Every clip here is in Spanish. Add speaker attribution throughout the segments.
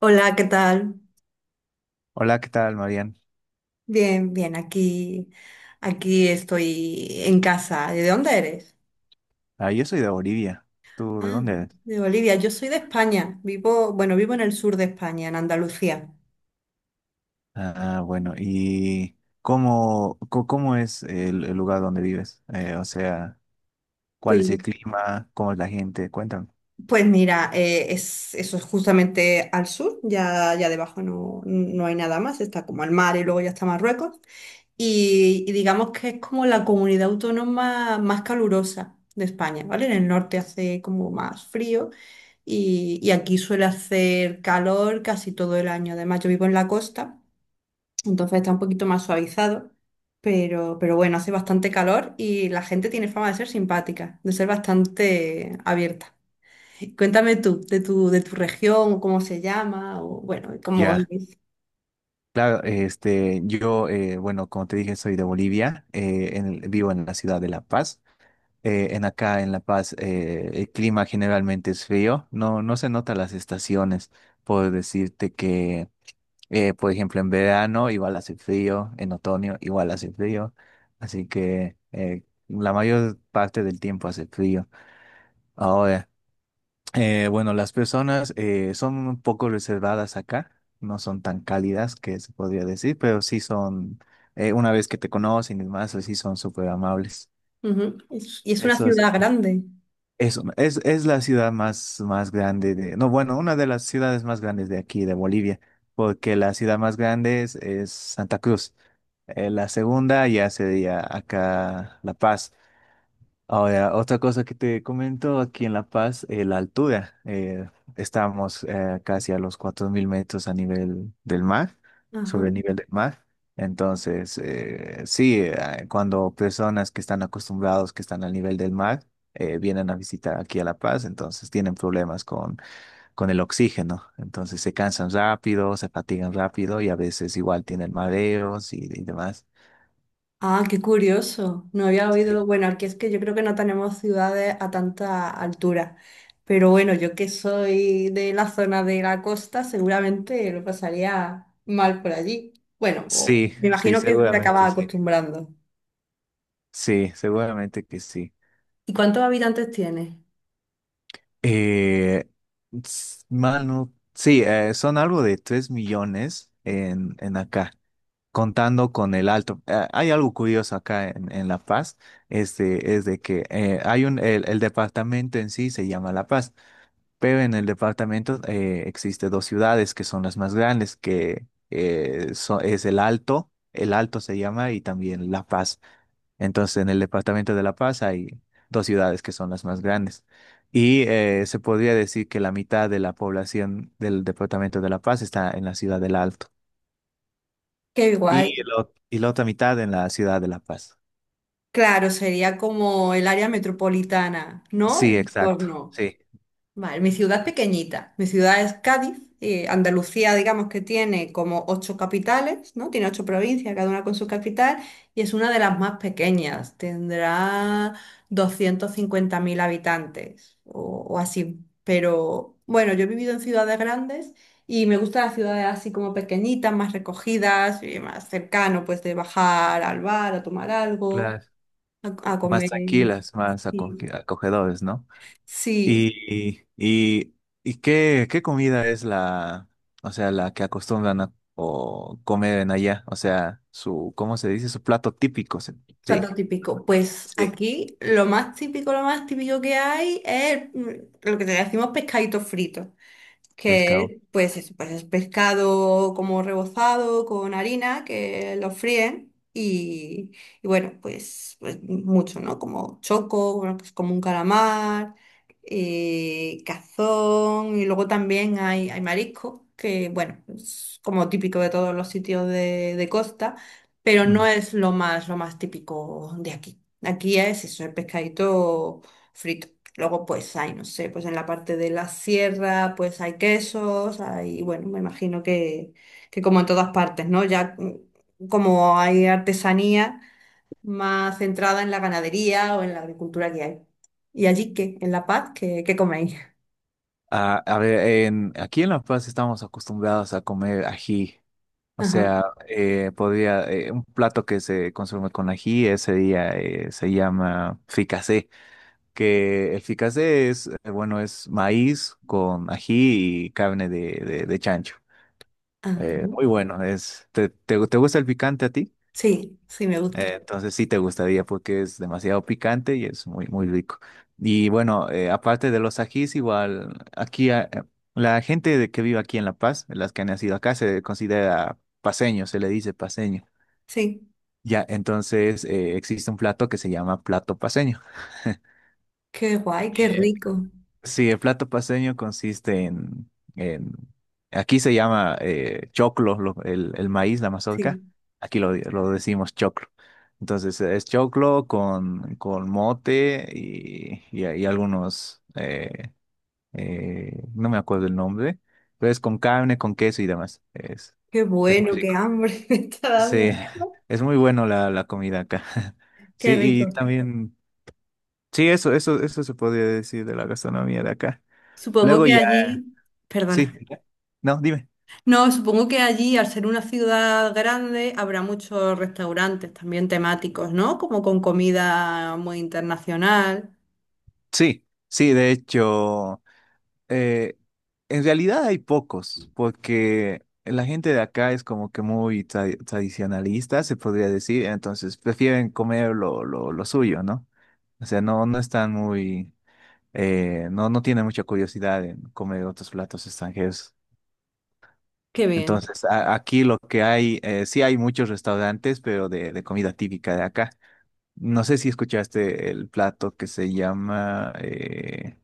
Speaker 1: Hola, ¿qué tal?
Speaker 2: Hola, ¿qué tal, Marian?
Speaker 1: Bien, bien, aquí estoy en casa. ¿De dónde eres?
Speaker 2: Ah, yo soy de Bolivia. ¿Tú
Speaker 1: Ah,
Speaker 2: de dónde eres?
Speaker 1: de Bolivia. Yo soy de España. Bueno, vivo en el sur de España, en Andalucía.
Speaker 2: Ah, bueno, ¿y cómo es el lugar donde vives? O sea, ¿cuál
Speaker 1: Pues,
Speaker 2: es el clima? ¿Cómo es la gente? Cuéntame.
Speaker 1: pues mira, eso es justamente al sur, ya debajo no hay nada más, está como el mar y luego ya está Marruecos. Y digamos que es como la comunidad autónoma más calurosa de España, ¿vale? En el norte hace como más frío y aquí suele hacer calor casi todo el año. Además, yo vivo en la costa, entonces está un poquito más suavizado, pero bueno, hace bastante calor y la gente tiene fama de ser simpática, de ser bastante abierta. Cuéntame tú, de tu región, o cómo se llama, o bueno, cómo
Speaker 2: Ya,
Speaker 1: es.
Speaker 2: claro, bueno, como te dije, soy de Bolivia, en vivo en la ciudad de La Paz. En acá, en La Paz, el clima generalmente es frío, no se notan las estaciones. Puedo decirte que, por ejemplo, en verano igual hace frío, en otoño igual hace frío, así que la mayor parte del tiempo hace frío. Ahora, bueno, las personas son un poco reservadas acá, no son tan cálidas que se podría decir, pero sí son, una vez que te conocen y demás, sí son súper amables.
Speaker 1: Ujú. Y es una
Speaker 2: Eso es.
Speaker 1: ciudad grande.
Speaker 2: Es la ciudad más grande de, no, Bueno, una de las ciudades más grandes de aquí, de Bolivia, porque la ciudad más grande es Santa Cruz. La segunda ya sería acá La Paz. Ahora, otra cosa que te comento aquí en La Paz, la altura. Eh, estamos casi a los 4.000 metros a nivel del mar, sobre el nivel del mar. Entonces, sí, cuando personas que están acostumbrados, que están al nivel del mar, vienen a visitar aquí a La Paz, entonces tienen problemas con el oxígeno. Entonces se cansan rápido, se fatigan rápido y a veces igual tienen mareos y demás.
Speaker 1: Ah, qué curioso. No había
Speaker 2: Sí,
Speaker 1: oído. Bueno, aquí es que yo creo que no tenemos ciudades a tanta altura. Pero bueno, yo que soy de la zona de la costa, seguramente lo pasaría mal por allí. Bueno,
Speaker 2: sí,
Speaker 1: me
Speaker 2: sí,
Speaker 1: imagino que te
Speaker 2: seguramente
Speaker 1: acabas
Speaker 2: sí.
Speaker 1: acostumbrando.
Speaker 2: Sí, seguramente que sí.
Speaker 1: ¿Y cuántos habitantes tiene?
Speaker 2: Eh, mano, sí, son algo de 3 millones en acá, contando con el alto. Hay algo curioso acá en La Paz, este, es de que el departamento en sí se llama La Paz, pero en el departamento existe dos ciudades que son las más grandes, que es el Alto se llama, y también La Paz. Entonces, en el departamento de La Paz hay dos ciudades que son las más grandes. Y se podría decir que la mitad de la población del departamento de La Paz está en la ciudad del Alto
Speaker 1: Qué guay.
Speaker 2: y la otra mitad en la ciudad de La Paz.
Speaker 1: Claro, sería como el área metropolitana, ¿no?
Speaker 2: Sí,
Speaker 1: El
Speaker 2: exacto.
Speaker 1: entorno.
Speaker 2: Sí,
Speaker 1: Vale, mi ciudad es pequeñita. Mi ciudad es Cádiz. Andalucía, digamos que tiene como ocho capitales, ¿no? Tiene ocho provincias, cada una con su capital, y es una de las más pequeñas. Tendrá 250.000 habitantes o así. Pero bueno, yo he vivido en ciudades grandes y me gustan las ciudades así como pequeñitas, más recogidas, y más cercano, pues de bajar al bar a tomar algo,
Speaker 2: claro.
Speaker 1: a
Speaker 2: Más
Speaker 1: comer.
Speaker 2: tranquilas, más
Speaker 1: Sí,
Speaker 2: acoge- acogedores, ¿no?
Speaker 1: sí.
Speaker 2: Y, y, y qué comida es la, o sea, la que acostumbran a o comer en allá, o sea, su, ¿cómo se dice? Su plato típico. Se- Sí.
Speaker 1: Plato típico. Pues
Speaker 2: Sí.
Speaker 1: aquí lo más típico que hay es lo que te decimos pescadito frito
Speaker 2: Pescado.
Speaker 1: que pues es pescado como rebozado con harina, que lo fríen y bueno, pues mucho, ¿no? Como choco, bueno, pues como un calamar, cazón y luego también hay marisco, que bueno, es como típico de todos los sitios de costa, pero no
Speaker 2: Mm.
Speaker 1: es lo más típico de aquí. Aquí es eso, el pescadito frito. Luego, pues hay, no sé, pues en la parte de la sierra, pues hay quesos, hay, bueno, me imagino que como en todas partes, ¿no? Ya como hay artesanía más centrada en la ganadería o en la agricultura que hay. ¿Y allí qué? ¿En La Paz? ¿Qué coméis?
Speaker 2: Ah, a ver, en, aquí en La Paz estamos acostumbrados a comer ají. O
Speaker 1: Ajá.
Speaker 2: sea, un plato que se consume con ají ese día se llama fricasé, que el fricasé es, bueno, es maíz con ají y carne de chancho.
Speaker 1: Ah,
Speaker 2: Muy bueno, es, te gusta el picante a ti?
Speaker 1: sí, sí, me gusta.
Speaker 2: Entonces sí te gustaría porque es demasiado picante y es muy, muy rico. Y bueno, aparte de los ajís, igual aquí que vive aquí en La Paz, las que han nacido acá, se considera paseño, se le dice paseño.
Speaker 1: Sí,
Speaker 2: Ya, entonces existe un plato que se llama plato paseño.
Speaker 1: qué guay, qué rico.
Speaker 2: Sí, el plato paceño consiste en- aquí se llama choclo, el maíz, la mazorca,
Speaker 1: Sí,
Speaker 2: aquí lo decimos choclo. Entonces es choclo con mote y algunos, no me acuerdo el nombre, pero es con carne, con queso y demás.
Speaker 1: qué
Speaker 2: Es muy
Speaker 1: bueno, qué
Speaker 2: rico.
Speaker 1: hambre me está dando.
Speaker 2: Sí, es muy bueno la comida acá.
Speaker 1: Qué
Speaker 2: Sí,
Speaker 1: rico.
Speaker 2: y también, sí, eso se podría decir de la gastronomía de acá.
Speaker 1: Supongo
Speaker 2: Luego.
Speaker 1: que allí, perdona.
Speaker 2: Sí, no, dime.
Speaker 1: No, supongo que allí, al ser una ciudad grande, habrá muchos restaurantes también temáticos, ¿no? Como con comida muy internacional.
Speaker 2: Sí, sí, de hecho, eh, en realidad hay pocos, porque la gente de acá es como que muy tradicionalista, se podría decir, entonces prefieren comer lo suyo, ¿no? O sea, no están muy, no tienen mucha curiosidad en comer otros platos extranjeros.
Speaker 1: Qué bien.
Speaker 2: Entonces, aquí lo que hay, sí hay muchos restaurantes, pero de comida típica de acá. No sé si escuchaste el plato que se llama eh,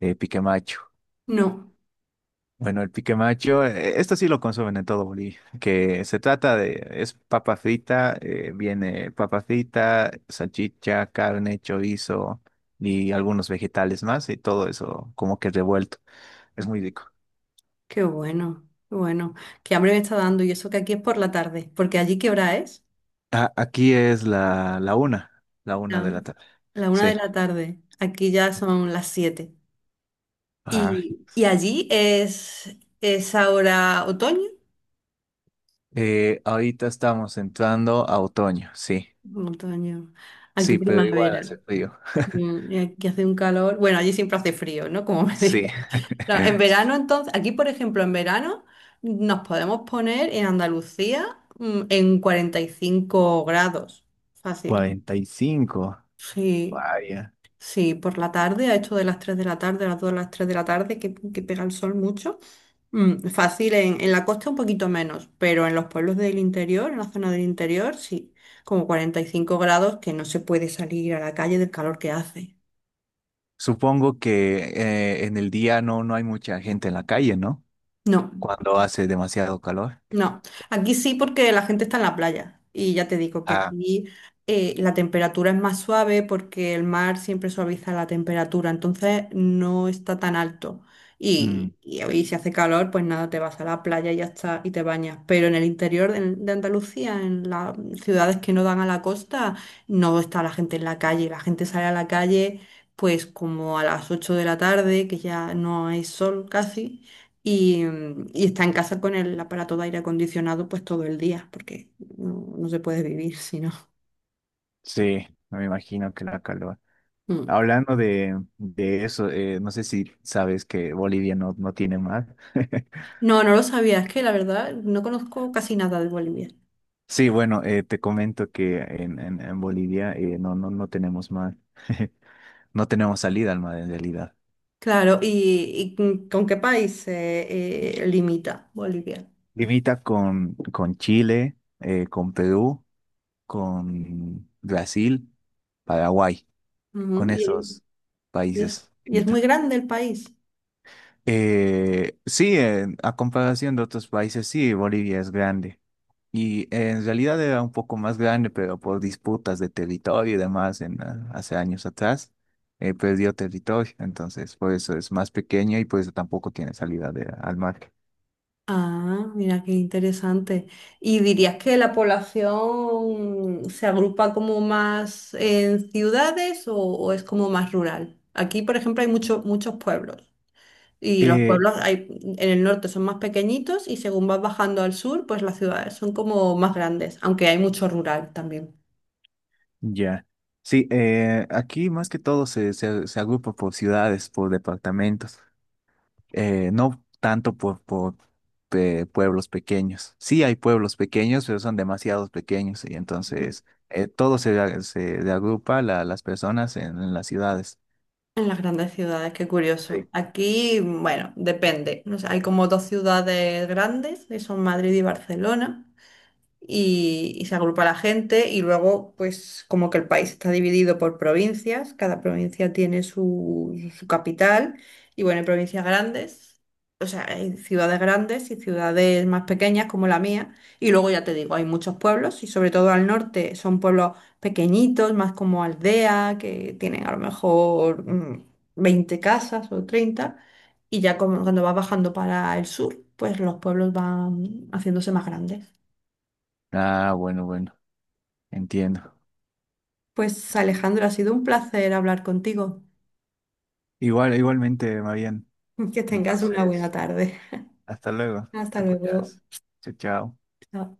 Speaker 2: eh, pique macho.
Speaker 1: No.
Speaker 2: Bueno, el pique macho, esto sí lo consumen en todo Bolivia, que se trata de, es papa frita, viene papa frita, salchicha, carne, chorizo y algunos vegetales más y todo eso como que revuelto. Es muy
Speaker 1: Ujú.
Speaker 2: rico.
Speaker 1: Qué bueno, qué bueno. Qué hambre me está dando y eso que aquí es por la tarde, porque allí ¿qué hora es?
Speaker 2: Aquí es la una
Speaker 1: La,
Speaker 2: de la tarde.
Speaker 1: la una de
Speaker 2: Sí.
Speaker 1: la tarde. Aquí ya son las siete.
Speaker 2: Ah,
Speaker 1: Y allí es ahora otoño.
Speaker 2: ahorita estamos entrando a otoño, sí.
Speaker 1: Otoño. Aquí
Speaker 2: Sí, pero igual
Speaker 1: primavera.
Speaker 2: hace frío.
Speaker 1: Y aquí hace un calor. Bueno, allí siempre hace frío, ¿no? Como me dices.
Speaker 2: Sí.
Speaker 1: No, en
Speaker 2: Sí.
Speaker 1: verano, entonces, aquí, por ejemplo, en verano nos podemos poner en Andalucía en 45 grados. Fácil.
Speaker 2: 45,
Speaker 1: Sí,
Speaker 2: vaya.
Speaker 1: sí, por la tarde, a esto de las 3 de la tarde, a las 2 de las tres de la tarde, que pega el sol mucho. Fácil, en la costa un poquito menos, pero en los pueblos del interior, en la zona del interior, sí, como 45 grados que no se puede salir a la calle del calor que hace.
Speaker 2: Supongo que en el día no hay mucha gente en la calle, ¿no?
Speaker 1: No.
Speaker 2: Cuando hace demasiado calor.
Speaker 1: No, aquí sí porque la gente está en la playa y ya te digo que
Speaker 2: Ah,
Speaker 1: aquí la temperatura es más suave porque el mar siempre suaviza la temperatura, entonces no está tan alto.
Speaker 2: mm,
Speaker 1: Y si hace calor, pues nada, te vas a la playa y ya está y te bañas. Pero en el interior de Andalucía, en las ciudades que no dan a la costa, no está la gente en la calle. La gente sale a la calle pues como a las 8 de la tarde, que ya no hay sol casi y, y está en casa con el aparato de aire acondicionado pues todo el día, porque no se puede vivir si no.
Speaker 2: sí, no me imagino que la calor.
Speaker 1: Mm.
Speaker 2: Hablando de eso, no sé si sabes que Bolivia no tiene mar.
Speaker 1: No, no lo sabía, es que la verdad no conozco casi nada de Bolivia.
Speaker 2: Sí, bueno, te comento que en Bolivia no tenemos mar. No tenemos salida al mar en realidad.
Speaker 1: Claro, ¿y con qué país limita Bolivia?
Speaker 2: Limita con Chile, con Perú, con Brasil, Paraguay,
Speaker 1: Ujú.
Speaker 2: con esos
Speaker 1: Y es,
Speaker 2: países
Speaker 1: y es muy
Speaker 2: limita.
Speaker 1: grande el país.
Speaker 2: Sí, a comparación de otros países, sí, Bolivia es grande. Y en realidad era un poco más grande, pero por disputas de territorio y demás ah, hace años atrás, perdió territorio. Entonces, por eso es más pequeño y por eso tampoco tiene salida al mar.
Speaker 1: Ah, mira qué interesante. ¿Y dirías que la población se agrupa como más en ciudades o es como más rural? Aquí, por ejemplo, hay muchos muchos pueblos y los
Speaker 2: Eh,
Speaker 1: pueblos hay, en el norte son más pequeñitos y según vas bajando al sur, pues las ciudades son como más grandes, aunque hay mucho rural también.
Speaker 2: ya. Sí, aquí más que todo se agrupa por ciudades, por departamentos. No tanto por pueblos pequeños. Sí hay pueblos pequeños, pero son demasiados pequeños y entonces todo se, se le agrupa las personas en las ciudades.
Speaker 1: En las grandes ciudades, qué
Speaker 2: Sí.
Speaker 1: curioso. Aquí, bueno, depende. O sea, hay como dos ciudades grandes, que son Madrid y Barcelona. Y y se agrupa la gente y luego pues como que el país está dividido por provincias, cada provincia tiene su, su capital y bueno, hay provincias grandes, o sea, hay ciudades grandes y ciudades más pequeñas como la mía y luego ya te digo, hay muchos pueblos y sobre todo al norte son pueblos pequeñitos, más como aldea, que tienen a lo mejor 20 casas o 30 y ya como cuando vas bajando para el sur, pues los pueblos van haciéndose más grandes.
Speaker 2: Ah, bueno, bueno, entiendo.
Speaker 1: Pues Alejandro, ha sido un placer hablar contigo.
Speaker 2: Igual, igualmente, Marian.
Speaker 1: Que tengas una buena
Speaker 2: Entonces,
Speaker 1: tarde.
Speaker 2: hasta luego.
Speaker 1: Hasta
Speaker 2: Te
Speaker 1: luego.
Speaker 2: cuidas. Chao, chao.
Speaker 1: Chao.